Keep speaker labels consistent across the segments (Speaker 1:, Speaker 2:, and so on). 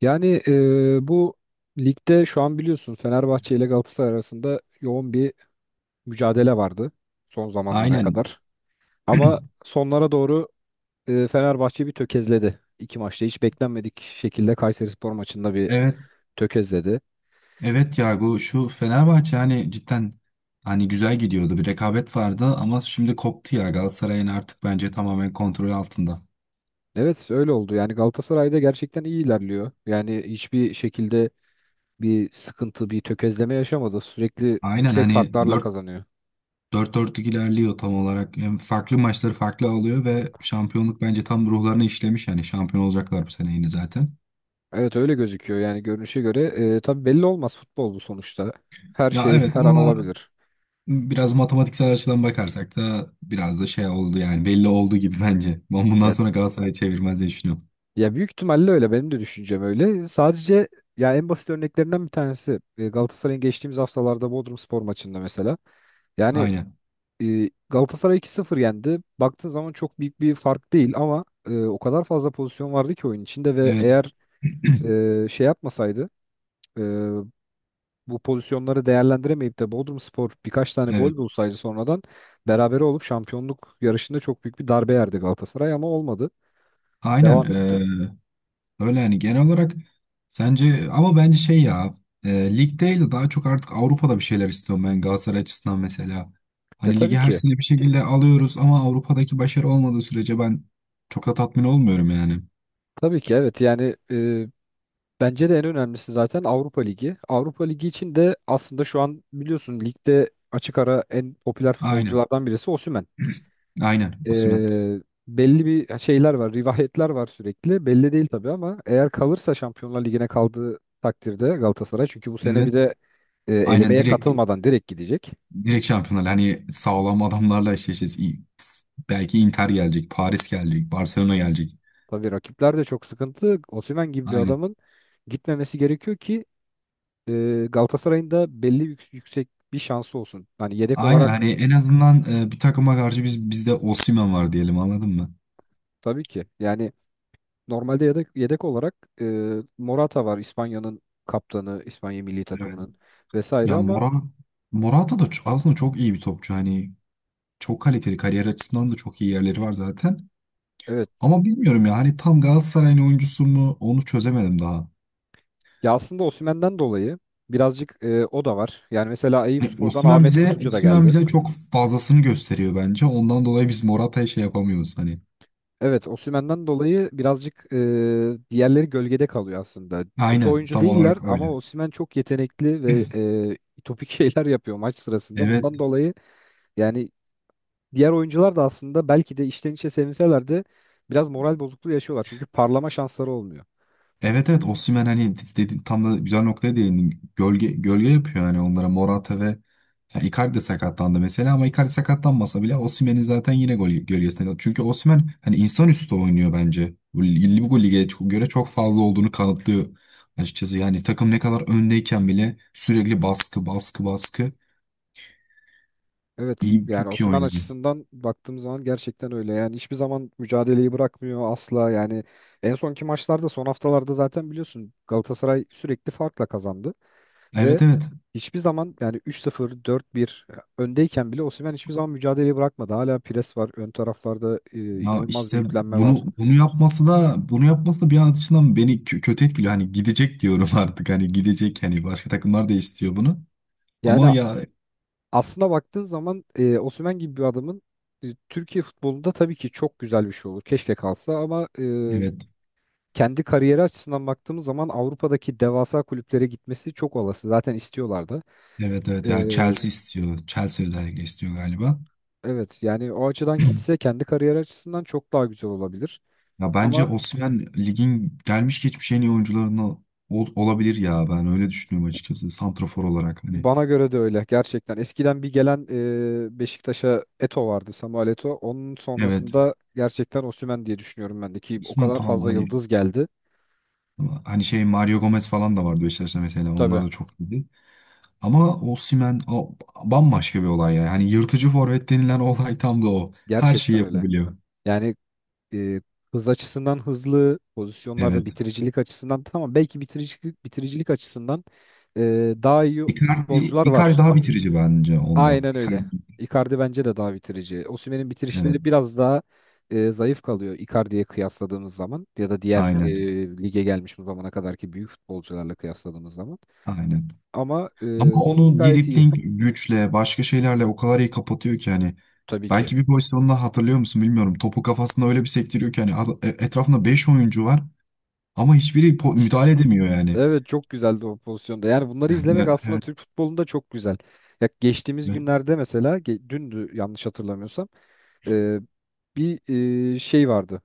Speaker 1: Yani bu ligde şu an biliyorsun Fenerbahçe ile Galatasaray arasında yoğun bir mücadele vardı son zamanlara
Speaker 2: Aynen.
Speaker 1: kadar. Ama sonlara doğru Fenerbahçe bir tökezledi. İki maçta hiç beklenmedik şekilde Kayserispor maçında bir
Speaker 2: Evet.
Speaker 1: tökezledi.
Speaker 2: Evet ya şu Fenerbahçe hani cidden hani güzel gidiyordu. Bir rekabet vardı ama şimdi koptu ya, Galatasaray'ın artık bence tamamen kontrol altında.
Speaker 1: Evet öyle oldu. Yani Galatasaray'da gerçekten iyi ilerliyor. Yani hiçbir şekilde bir sıkıntı, bir tökezleme yaşamadı. Sürekli
Speaker 2: Aynen
Speaker 1: yüksek
Speaker 2: hani
Speaker 1: farklarla
Speaker 2: dört
Speaker 1: kazanıyor.
Speaker 2: dört 4lük ilerliyor tam olarak. Hem farklı maçları farklı alıyor ve şampiyonluk bence tam ruhlarına işlemiş, yani şampiyon olacaklar bu sene yine zaten.
Speaker 1: Evet öyle gözüküyor yani görünüşe göre. Tabii belli olmaz futbol bu sonuçta. Her
Speaker 2: Ya
Speaker 1: şey
Speaker 2: evet,
Speaker 1: her an
Speaker 2: ama
Speaker 1: olabilir.
Speaker 2: biraz matematiksel açıdan bakarsak da biraz da şey oldu, yani belli oldu gibi bence. Ben bundan
Speaker 1: Ya,
Speaker 2: sonra Galatasaray'ı çevirmez diye düşünüyorum.
Speaker 1: ya, büyük ihtimalle öyle benim de düşüncem öyle. Sadece ya en basit örneklerinden bir tanesi Galatasaray'ın geçtiğimiz haftalarda Bodrumspor maçında mesela. Yani
Speaker 2: Aynen.
Speaker 1: Galatasaray 2-0 yendi. Baktığın zaman çok büyük bir fark değil ama o kadar fazla pozisyon vardı ki oyun içinde ve
Speaker 2: Evet.
Speaker 1: eğer şey yapmasaydı, e, bu pozisyonları değerlendiremeyip de Bodrumspor birkaç tane
Speaker 2: Evet.
Speaker 1: gol bulsaydı sonradan berabere olup şampiyonluk yarışında çok büyük bir darbe yerdi Galatasaray ama olmadı.
Speaker 2: Aynen,
Speaker 1: Devam etti.
Speaker 2: öyle yani. Genel olarak sence, ama bence şey ya, lig değil de daha çok artık Avrupa'da bir şeyler istiyorum ben Galatasaray açısından mesela.
Speaker 1: Ya
Speaker 2: Hani ligi
Speaker 1: tabii
Speaker 2: her
Speaker 1: ki.
Speaker 2: sene bir şekilde alıyoruz ama Avrupa'daki başarı olmadığı sürece ben çok da tatmin olmuyorum yani.
Speaker 1: Tabii ki evet, yani bence de en önemlisi zaten Avrupa Ligi. Avrupa Ligi için de aslında şu an biliyorsun ligde açık ara en popüler
Speaker 2: Aynen.
Speaker 1: futbolculardan birisi Osimhen.
Speaker 2: Aynen,
Speaker 1: E,
Speaker 2: Osimhen.
Speaker 1: Belli bir şeyler var, rivayetler var sürekli. Belli değil tabii ama eğer kalırsa Şampiyonlar Ligi'ne kaldığı takdirde Galatasaray çünkü bu sene bir
Speaker 2: Evet.
Speaker 1: de
Speaker 2: Aynen,
Speaker 1: elemeye
Speaker 2: direkt
Speaker 1: katılmadan direkt gidecek.
Speaker 2: direkt şampiyonlar, hani sağlam adamlarla eşleşeceğiz. Belki Inter gelecek, Paris gelecek, Barcelona gelecek.
Speaker 1: Tabii rakipler de çok sıkıntı. Osimhen gibi bir
Speaker 2: Aynen.
Speaker 1: adamın gitmemesi gerekiyor ki e, Galatasaray'ın da belli yüksek bir şansı olsun. Hani yedek
Speaker 2: Aynen
Speaker 1: olarak
Speaker 2: hani en azından, bir takıma karşı bizde Osimhen var diyelim, anladın mı?
Speaker 1: tabii ki. Yani normalde yedek olarak e, Morata var, İspanya'nın kaptanı, İspanya milli
Speaker 2: Evet.
Speaker 1: takımının vesaire
Speaker 2: Ya
Speaker 1: ama
Speaker 2: Morata da aslında çok iyi bir topçu. Hani çok kaliteli, kariyer açısından da çok iyi yerleri var zaten.
Speaker 1: evet.
Speaker 2: Ama bilmiyorum ya, hani tam Galatasaray'ın oyuncusu mu, onu çözemedim daha.
Speaker 1: Ya aslında Osimhen'den dolayı birazcık o da var. Yani mesela
Speaker 2: Hani
Speaker 1: Eyüpspor'dan Ahmet Kutucu da
Speaker 2: Osimhen
Speaker 1: geldi.
Speaker 2: bize çok fazlasını gösteriyor bence. Ondan dolayı biz Morata'ya şey yapamıyoruz hani.
Speaker 1: Evet, Osimhen'den dolayı birazcık diğerleri gölgede kalıyor aslında. Kötü
Speaker 2: Aynen,
Speaker 1: oyuncu
Speaker 2: tam
Speaker 1: değiller
Speaker 2: olarak
Speaker 1: ama
Speaker 2: öyle.
Speaker 1: Osimhen çok yetenekli ve topik şeyler yapıyor maç sırasında.
Speaker 2: Evet.
Speaker 1: Bundan dolayı yani diğer oyuncular da aslında belki de içten içe sevinseler de biraz moral bozukluğu yaşıyorlar. Çünkü parlama şansları olmuyor.
Speaker 2: Evet, evet, Osimhen, hani dedi, tam da güzel noktaya değindin. Gölge gölge yapıyor yani onlara, Morata ve ya Icardi de sakatlandı mesela, ama Icardi sakatlanmasa bile Osimhen'in zaten yine gol gölgesinde, çünkü Osimhen hani insanüstü oynuyor bence. Bu lige göre çok fazla olduğunu kanıtlıyor açıkçası. Yani takım ne kadar öndeyken bile sürekli baskı baskı baskı,
Speaker 1: Evet,
Speaker 2: iyi,
Speaker 1: yani
Speaker 2: çok iyi
Speaker 1: Osimhen
Speaker 2: oynuyor.
Speaker 1: açısından baktığım zaman gerçekten öyle. Yani hiçbir zaman mücadeleyi bırakmıyor asla. Yani en sonki maçlarda, son haftalarda zaten biliyorsun Galatasaray sürekli farkla kazandı. Ve
Speaker 2: Evet, evet.
Speaker 1: hiçbir zaman yani 3-0, 4-1 öndeyken bile Osimhen hiçbir zaman mücadeleyi bırakmadı. Hala pres var. Ön taraflarda
Speaker 2: Ya
Speaker 1: inanılmaz bir
Speaker 2: işte
Speaker 1: yüklenme
Speaker 2: bunu
Speaker 1: var.
Speaker 2: bunu yapması da bunu yapması da bir an açısından beni kötü etkiliyor. Hani gidecek diyorum artık. Hani gidecek, hani başka takımlar da istiyor bunu.
Speaker 1: Yani
Speaker 2: Ama ya,
Speaker 1: aslına baktığın zaman Osimhen gibi bir adamın Türkiye futbolunda tabii ki çok güzel bir şey olur. Keşke kalsa ama
Speaker 2: evet,
Speaker 1: kendi kariyeri açısından baktığımız zaman Avrupa'daki devasa kulüplere gitmesi çok olası. Zaten istiyorlar da.
Speaker 2: evet, evet,
Speaker 1: E,
Speaker 2: ya, Chelsea istiyor. Chelsea özellikle istiyor galiba.
Speaker 1: evet yani o açıdan gitse kendi kariyeri açısından çok daha güzel olabilir.
Speaker 2: Ya bence
Speaker 1: Ama
Speaker 2: Osimhen ligin gelmiş geçmiş en iyi oyuncularından olabilir ya. Ben öyle düşünüyorum açıkçası. Santrafor olarak hani.
Speaker 1: Bana göre de öyle gerçekten. Eskiden bir gelen Beşiktaş'a Eto vardı, Samuel Eto. Onun
Speaker 2: Evet.
Speaker 1: sonrasında gerçekten Osimhen diye düşünüyorum ben de, ki o
Speaker 2: Osimhen,
Speaker 1: kadar
Speaker 2: tamam
Speaker 1: fazla
Speaker 2: hani,
Speaker 1: yıldız geldi.
Speaker 2: şey, Mario Gomez falan da vardı Beşiktaş'ta mesela. Onlar
Speaker 1: Tabii
Speaker 2: da çok iyiydi. Ama Osimhen, o, bambaşka bir olay yani. Hani yırtıcı forvet denilen olay tam da o. Her şeyi
Speaker 1: gerçekten öyle.
Speaker 2: yapabiliyor.
Speaker 1: Yani e, hız açısından hızlı, pozisyonlarda
Speaker 2: Evet.
Speaker 1: bitiricilik açısından tamam, belki bitiricilik açısından daha iyi
Speaker 2: Icardi,
Speaker 1: futbolcular
Speaker 2: Icardi
Speaker 1: var.
Speaker 2: daha bitirici bence ondan.
Speaker 1: Aynen öyle.
Speaker 2: Icardi,
Speaker 1: Icardi bence de daha bitirici. Osimhen'in
Speaker 2: evet.
Speaker 1: bitirişleri biraz daha zayıf kalıyor Icardi'ye kıyasladığımız zaman ya da diğer
Speaker 2: Aynen.
Speaker 1: lige gelmiş bu zamana kadarki büyük futbolcularla kıyasladığımız zaman.
Speaker 2: Aynen.
Speaker 1: Ama
Speaker 2: Ama onu
Speaker 1: gayet iyi,
Speaker 2: dribling güçle, başka şeylerle o kadar iyi kapatıyor ki, hani
Speaker 1: tabii ki.
Speaker 2: belki bir pozisyonda, hatırlıyor musun, bilmiyorum. Topu kafasında öyle bir sektiriyor ki, hani etrafında 5 oyuncu var ama hiçbiri müdahale edemiyor yani.
Speaker 1: Evet, çok güzeldi o pozisyonda. Yani bunları izlemek
Speaker 2: Evet,
Speaker 1: aslında
Speaker 2: evet.
Speaker 1: Türk futbolunda çok güzel. Ya geçtiğimiz günlerde mesela, dündü yanlış hatırlamıyorsam, e, bir şey vardı.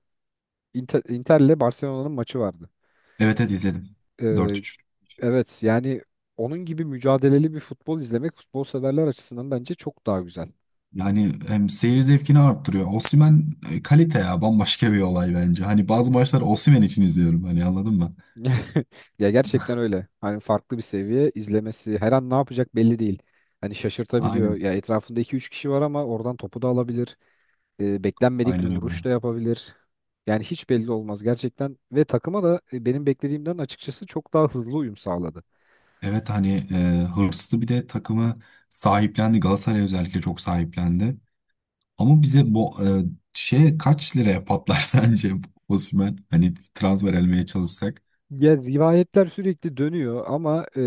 Speaker 1: Inter'le Barcelona'nın maçı vardı.
Speaker 2: Evet, evet, izledim.
Speaker 1: E,
Speaker 2: 4-3.
Speaker 1: Evet yani onun gibi mücadeleli bir futbol izlemek futbol severler açısından bence çok daha güzel.
Speaker 2: Yani hem seyir zevkini arttırıyor. Osimhen, kalite ya, bambaşka bir olay bence. Hani bazı maçlar Osimhen için izliyorum, hani anladın mı?
Speaker 1: Ya gerçekten öyle. Hani farklı bir seviye izlemesi, her an ne yapacak belli değil. Hani şaşırtabiliyor.
Speaker 2: Aynen.
Speaker 1: Ya etrafında iki üç kişi var ama oradan topu da alabilir. Beklenmedik bir
Speaker 2: Aynen
Speaker 1: vuruş
Speaker 2: öyle.
Speaker 1: da yapabilir. Yani hiç belli olmaz gerçekten ve takıma da benim beklediğimden açıkçası çok daha hızlı uyum sağladı.
Speaker 2: Evet hani, hırslı, bir de takımı sahiplendi. Galatasaray özellikle çok sahiplendi. Ama bize bu şey kaç liraya patlar sence, Osimhen? Hani transfer elmeye çalışsak.
Speaker 1: Ya rivayetler sürekli dönüyor ama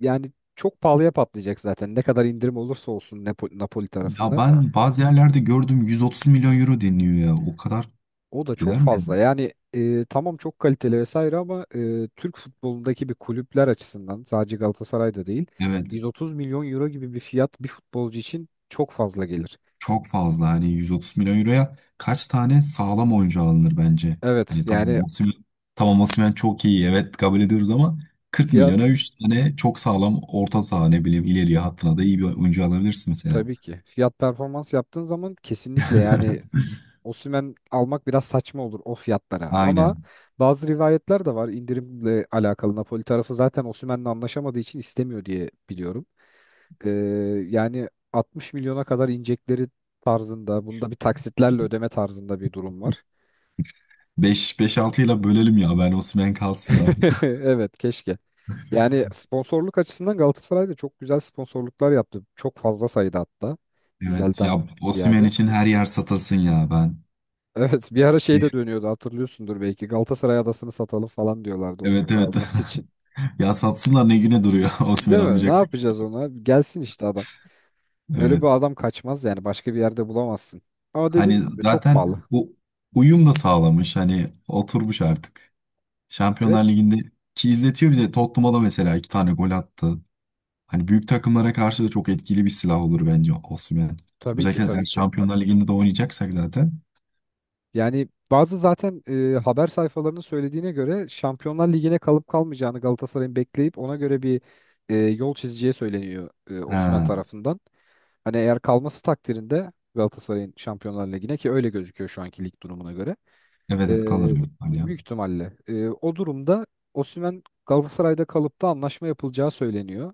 Speaker 1: yani çok pahalıya patlayacak zaten. Ne kadar indirim olursa olsun Napoli
Speaker 2: Ya
Speaker 1: tarafından.
Speaker 2: ben bazı yerlerde gördüm, 130 milyon euro deniyor ya. O kadar
Speaker 1: O da çok
Speaker 2: eder mi?
Speaker 1: fazla. Yani tamam çok kaliteli vesaire ama Türk futbolundaki bir kulüpler açısından, sadece Galatasaray'da değil,
Speaker 2: Evet.
Speaker 1: 130 milyon euro gibi bir fiyat bir futbolcu için çok fazla gelir.
Speaker 2: Çok fazla. Hani 130 milyon euroya kaç tane sağlam oyuncu alınır bence?
Speaker 1: Evet
Speaker 2: Hani
Speaker 1: yani
Speaker 2: tamam, Osimhen çok iyi, evet, kabul ediyoruz, ama 40
Speaker 1: fiyat,
Speaker 2: milyona 3 tane çok sağlam orta saha, ne bileyim, ileriye hattına da iyi bir oyuncu alabilirsin mesela.
Speaker 1: tabii ki. Fiyat performans yaptığın zaman kesinlikle yani Osimhen almak biraz saçma olur o fiyatlara. Ama
Speaker 2: Aynen.
Speaker 1: bazı rivayetler de var indirimle alakalı. Napoli tarafı zaten Osimhen'le anlaşamadığı için istemiyor diye biliyorum. Ee, Yani 60 milyona kadar inecekleri tarzında, bunda bir taksitlerle ödeme tarzında bir durum var.
Speaker 2: 5-5-6 ile bölelim ya, ben Osimhen kalsın da.
Speaker 1: Evet, keşke. Yani sponsorluk açısından Galatasaray da çok güzel sponsorluklar yaptı. Çok fazla sayıda hatta.
Speaker 2: Evet ya,
Speaker 1: Güzelden
Speaker 2: Osimhen
Speaker 1: ziyade.
Speaker 2: için her yer satılsın ya ben.
Speaker 1: Evet, bir ara şey de dönüyordu, hatırlıyorsundur belki. Galatasaray adasını satalım falan diyorlardı
Speaker 2: Evet,
Speaker 1: Osimhen
Speaker 2: evet.
Speaker 1: almak için.
Speaker 2: Ya satsınlar, ne güne duruyor Osimhen
Speaker 1: Değil mi? Ne
Speaker 2: almayacaktık.
Speaker 1: yapacağız ona? Gelsin işte adam. Böyle bir
Speaker 2: Evet.
Speaker 1: adam kaçmaz yani, başka bir yerde bulamazsın. Ama
Speaker 2: Hani
Speaker 1: dediğimiz gibi çok
Speaker 2: zaten
Speaker 1: pahalı.
Speaker 2: bu uyum da sağlamış. Hani oturmuş artık. Şampiyonlar
Speaker 1: Evet,
Speaker 2: Ligi'nde ki izletiyor bize. Tottenham'a da mesela iki tane gol attı. Hani büyük takımlara karşı da çok etkili bir silah olur bence Osimhen.
Speaker 1: tabii ki
Speaker 2: Özellikle eğer
Speaker 1: tabii ki.
Speaker 2: Şampiyonlar Ligi'nde de oynayacaksak zaten.
Speaker 1: Yani bazı zaten haber sayfalarının söylediğine göre Şampiyonlar Ligi'ne kalıp kalmayacağını Galatasaray'ın bekleyip ona göre bir yol çizeceği söyleniyor Osimhen
Speaker 2: Ha,
Speaker 1: tarafından. Hani eğer kalması takdirinde Galatasaray'ın Şampiyonlar Ligi'ne, ki öyle gözüküyor şu anki lig durumuna göre.
Speaker 2: evet, evet, kalır
Speaker 1: Ee,
Speaker 2: büyük ihtimal ya.
Speaker 1: Büyük ihtimalle. O durumda Osimhen Galatasaray'da kalıp da anlaşma yapılacağı söyleniyor.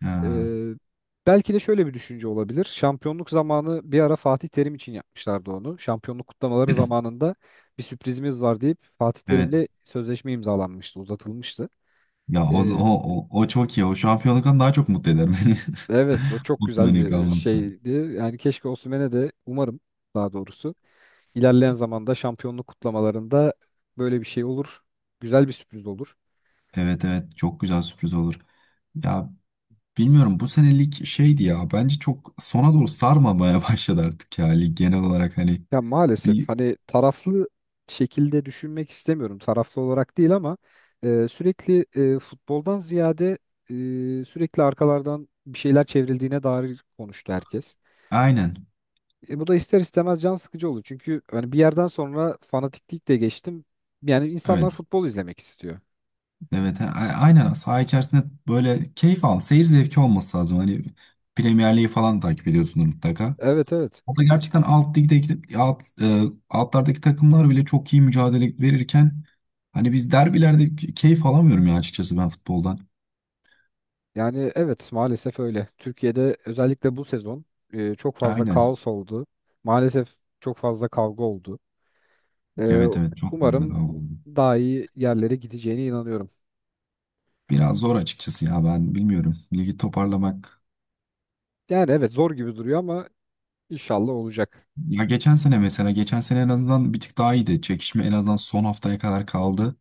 Speaker 2: Ha,
Speaker 1: Ee, Belki de şöyle bir düşünce olabilir. Şampiyonluk zamanı bir ara Fatih Terim için yapmışlardı onu. Şampiyonluk kutlamaları zamanında bir sürprizimiz var deyip Fatih
Speaker 2: evet.
Speaker 1: Terim'le sözleşme imzalanmıştı, uzatılmıştı.
Speaker 2: Ya,
Speaker 1: Ee,
Speaker 2: o çok iyi. O şampiyonluktan daha çok mutlu eder beni.
Speaker 1: evet, o çok güzel
Speaker 2: Osimhen'in
Speaker 1: bir
Speaker 2: kalması.
Speaker 1: şeydi. Yani keşke Osimhen'e de umarım, daha doğrusu ilerleyen zamanda şampiyonluk kutlamalarında böyle bir şey olur. Güzel bir sürpriz olur.
Speaker 2: Evet, evet, çok güzel sürpriz olur. Ya bilmiyorum, bu senelik şeydi ya, bence çok sona doğru sarmamaya başladı artık ya lig, genel olarak hani
Speaker 1: Ya maalesef
Speaker 2: bir,
Speaker 1: hani taraflı şekilde düşünmek istemiyorum. Taraflı olarak değil ama sürekli futboldan ziyade sürekli arkalardan bir şeyler çevrildiğine dair konuştu herkes.
Speaker 2: aynen,
Speaker 1: Bu da ister istemez can sıkıcı oluyor çünkü hani bir yerden sonra fanatiklik de geçtim. Yani
Speaker 2: evet,
Speaker 1: insanlar futbol izlemek istiyor.
Speaker 2: evet, aynen, saha içerisinde böyle keyif al, seyir zevki olması lazım hani. Premier Lig'i falan takip ediyorsunuz mutlaka.
Speaker 1: Evet evet.
Speaker 2: O da gerçekten alt ligdeki altlardaki takımlar bile çok iyi mücadele verirken, hani biz derbilerde keyif alamıyorum ya, açıkçası ben futboldan.
Speaker 1: Yani evet, maalesef öyle. Türkiye'de özellikle bu sezon çok fazla
Speaker 2: Aynen.
Speaker 1: kaos oldu. Maalesef çok fazla kavga oldu. Ee,
Speaker 2: Evet, evet, çok fazla
Speaker 1: Umarım
Speaker 2: oldu.
Speaker 1: daha iyi yerlere gideceğine inanıyorum.
Speaker 2: Biraz zor açıkçası ya, ben bilmiyorum. Ligi toparlamak.
Speaker 1: Yani evet, zor gibi duruyor ama inşallah olacak.
Speaker 2: Ya geçen sene mesela, geçen sene en azından bir tık daha iyiydi. Çekişme en azından son haftaya kadar kaldı.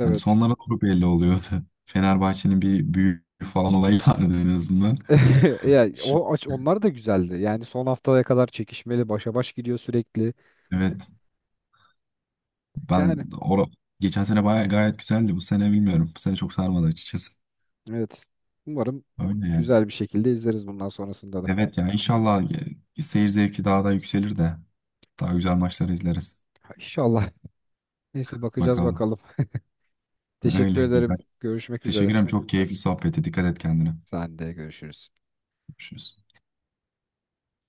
Speaker 2: Hani sonlara doğru belli oluyordu. Fenerbahçe'nin bir büyük falan olayı vardı en azından.
Speaker 1: Yani
Speaker 2: Şimdi,
Speaker 1: o onlar da güzeldi. Yani son haftaya kadar çekişmeli, başa baş gidiyor sürekli.
Speaker 2: evet, ben
Speaker 1: Yani
Speaker 2: or geçen sene baya gayet güzeldi. Bu sene bilmiyorum. Bu sene çok sarmadı açıkçası.
Speaker 1: evet. Umarım
Speaker 2: Öyle yani.
Speaker 1: güzel bir şekilde izleriz bundan sonrasında da.
Speaker 2: Evet yani inşallah seyir zevki daha da yükselir de daha güzel maçları izleriz.
Speaker 1: Ha, İnşallah. Neyse, bakacağız
Speaker 2: Bakalım.
Speaker 1: bakalım. Teşekkür
Speaker 2: Öyle güzel.
Speaker 1: ederim. Görüşmek
Speaker 2: Teşekkür
Speaker 1: üzere.
Speaker 2: ederim. Çok keyifli sohbeti. Dikkat et kendine.
Speaker 1: Sen de görüşürüz.
Speaker 2: Görüşürüz.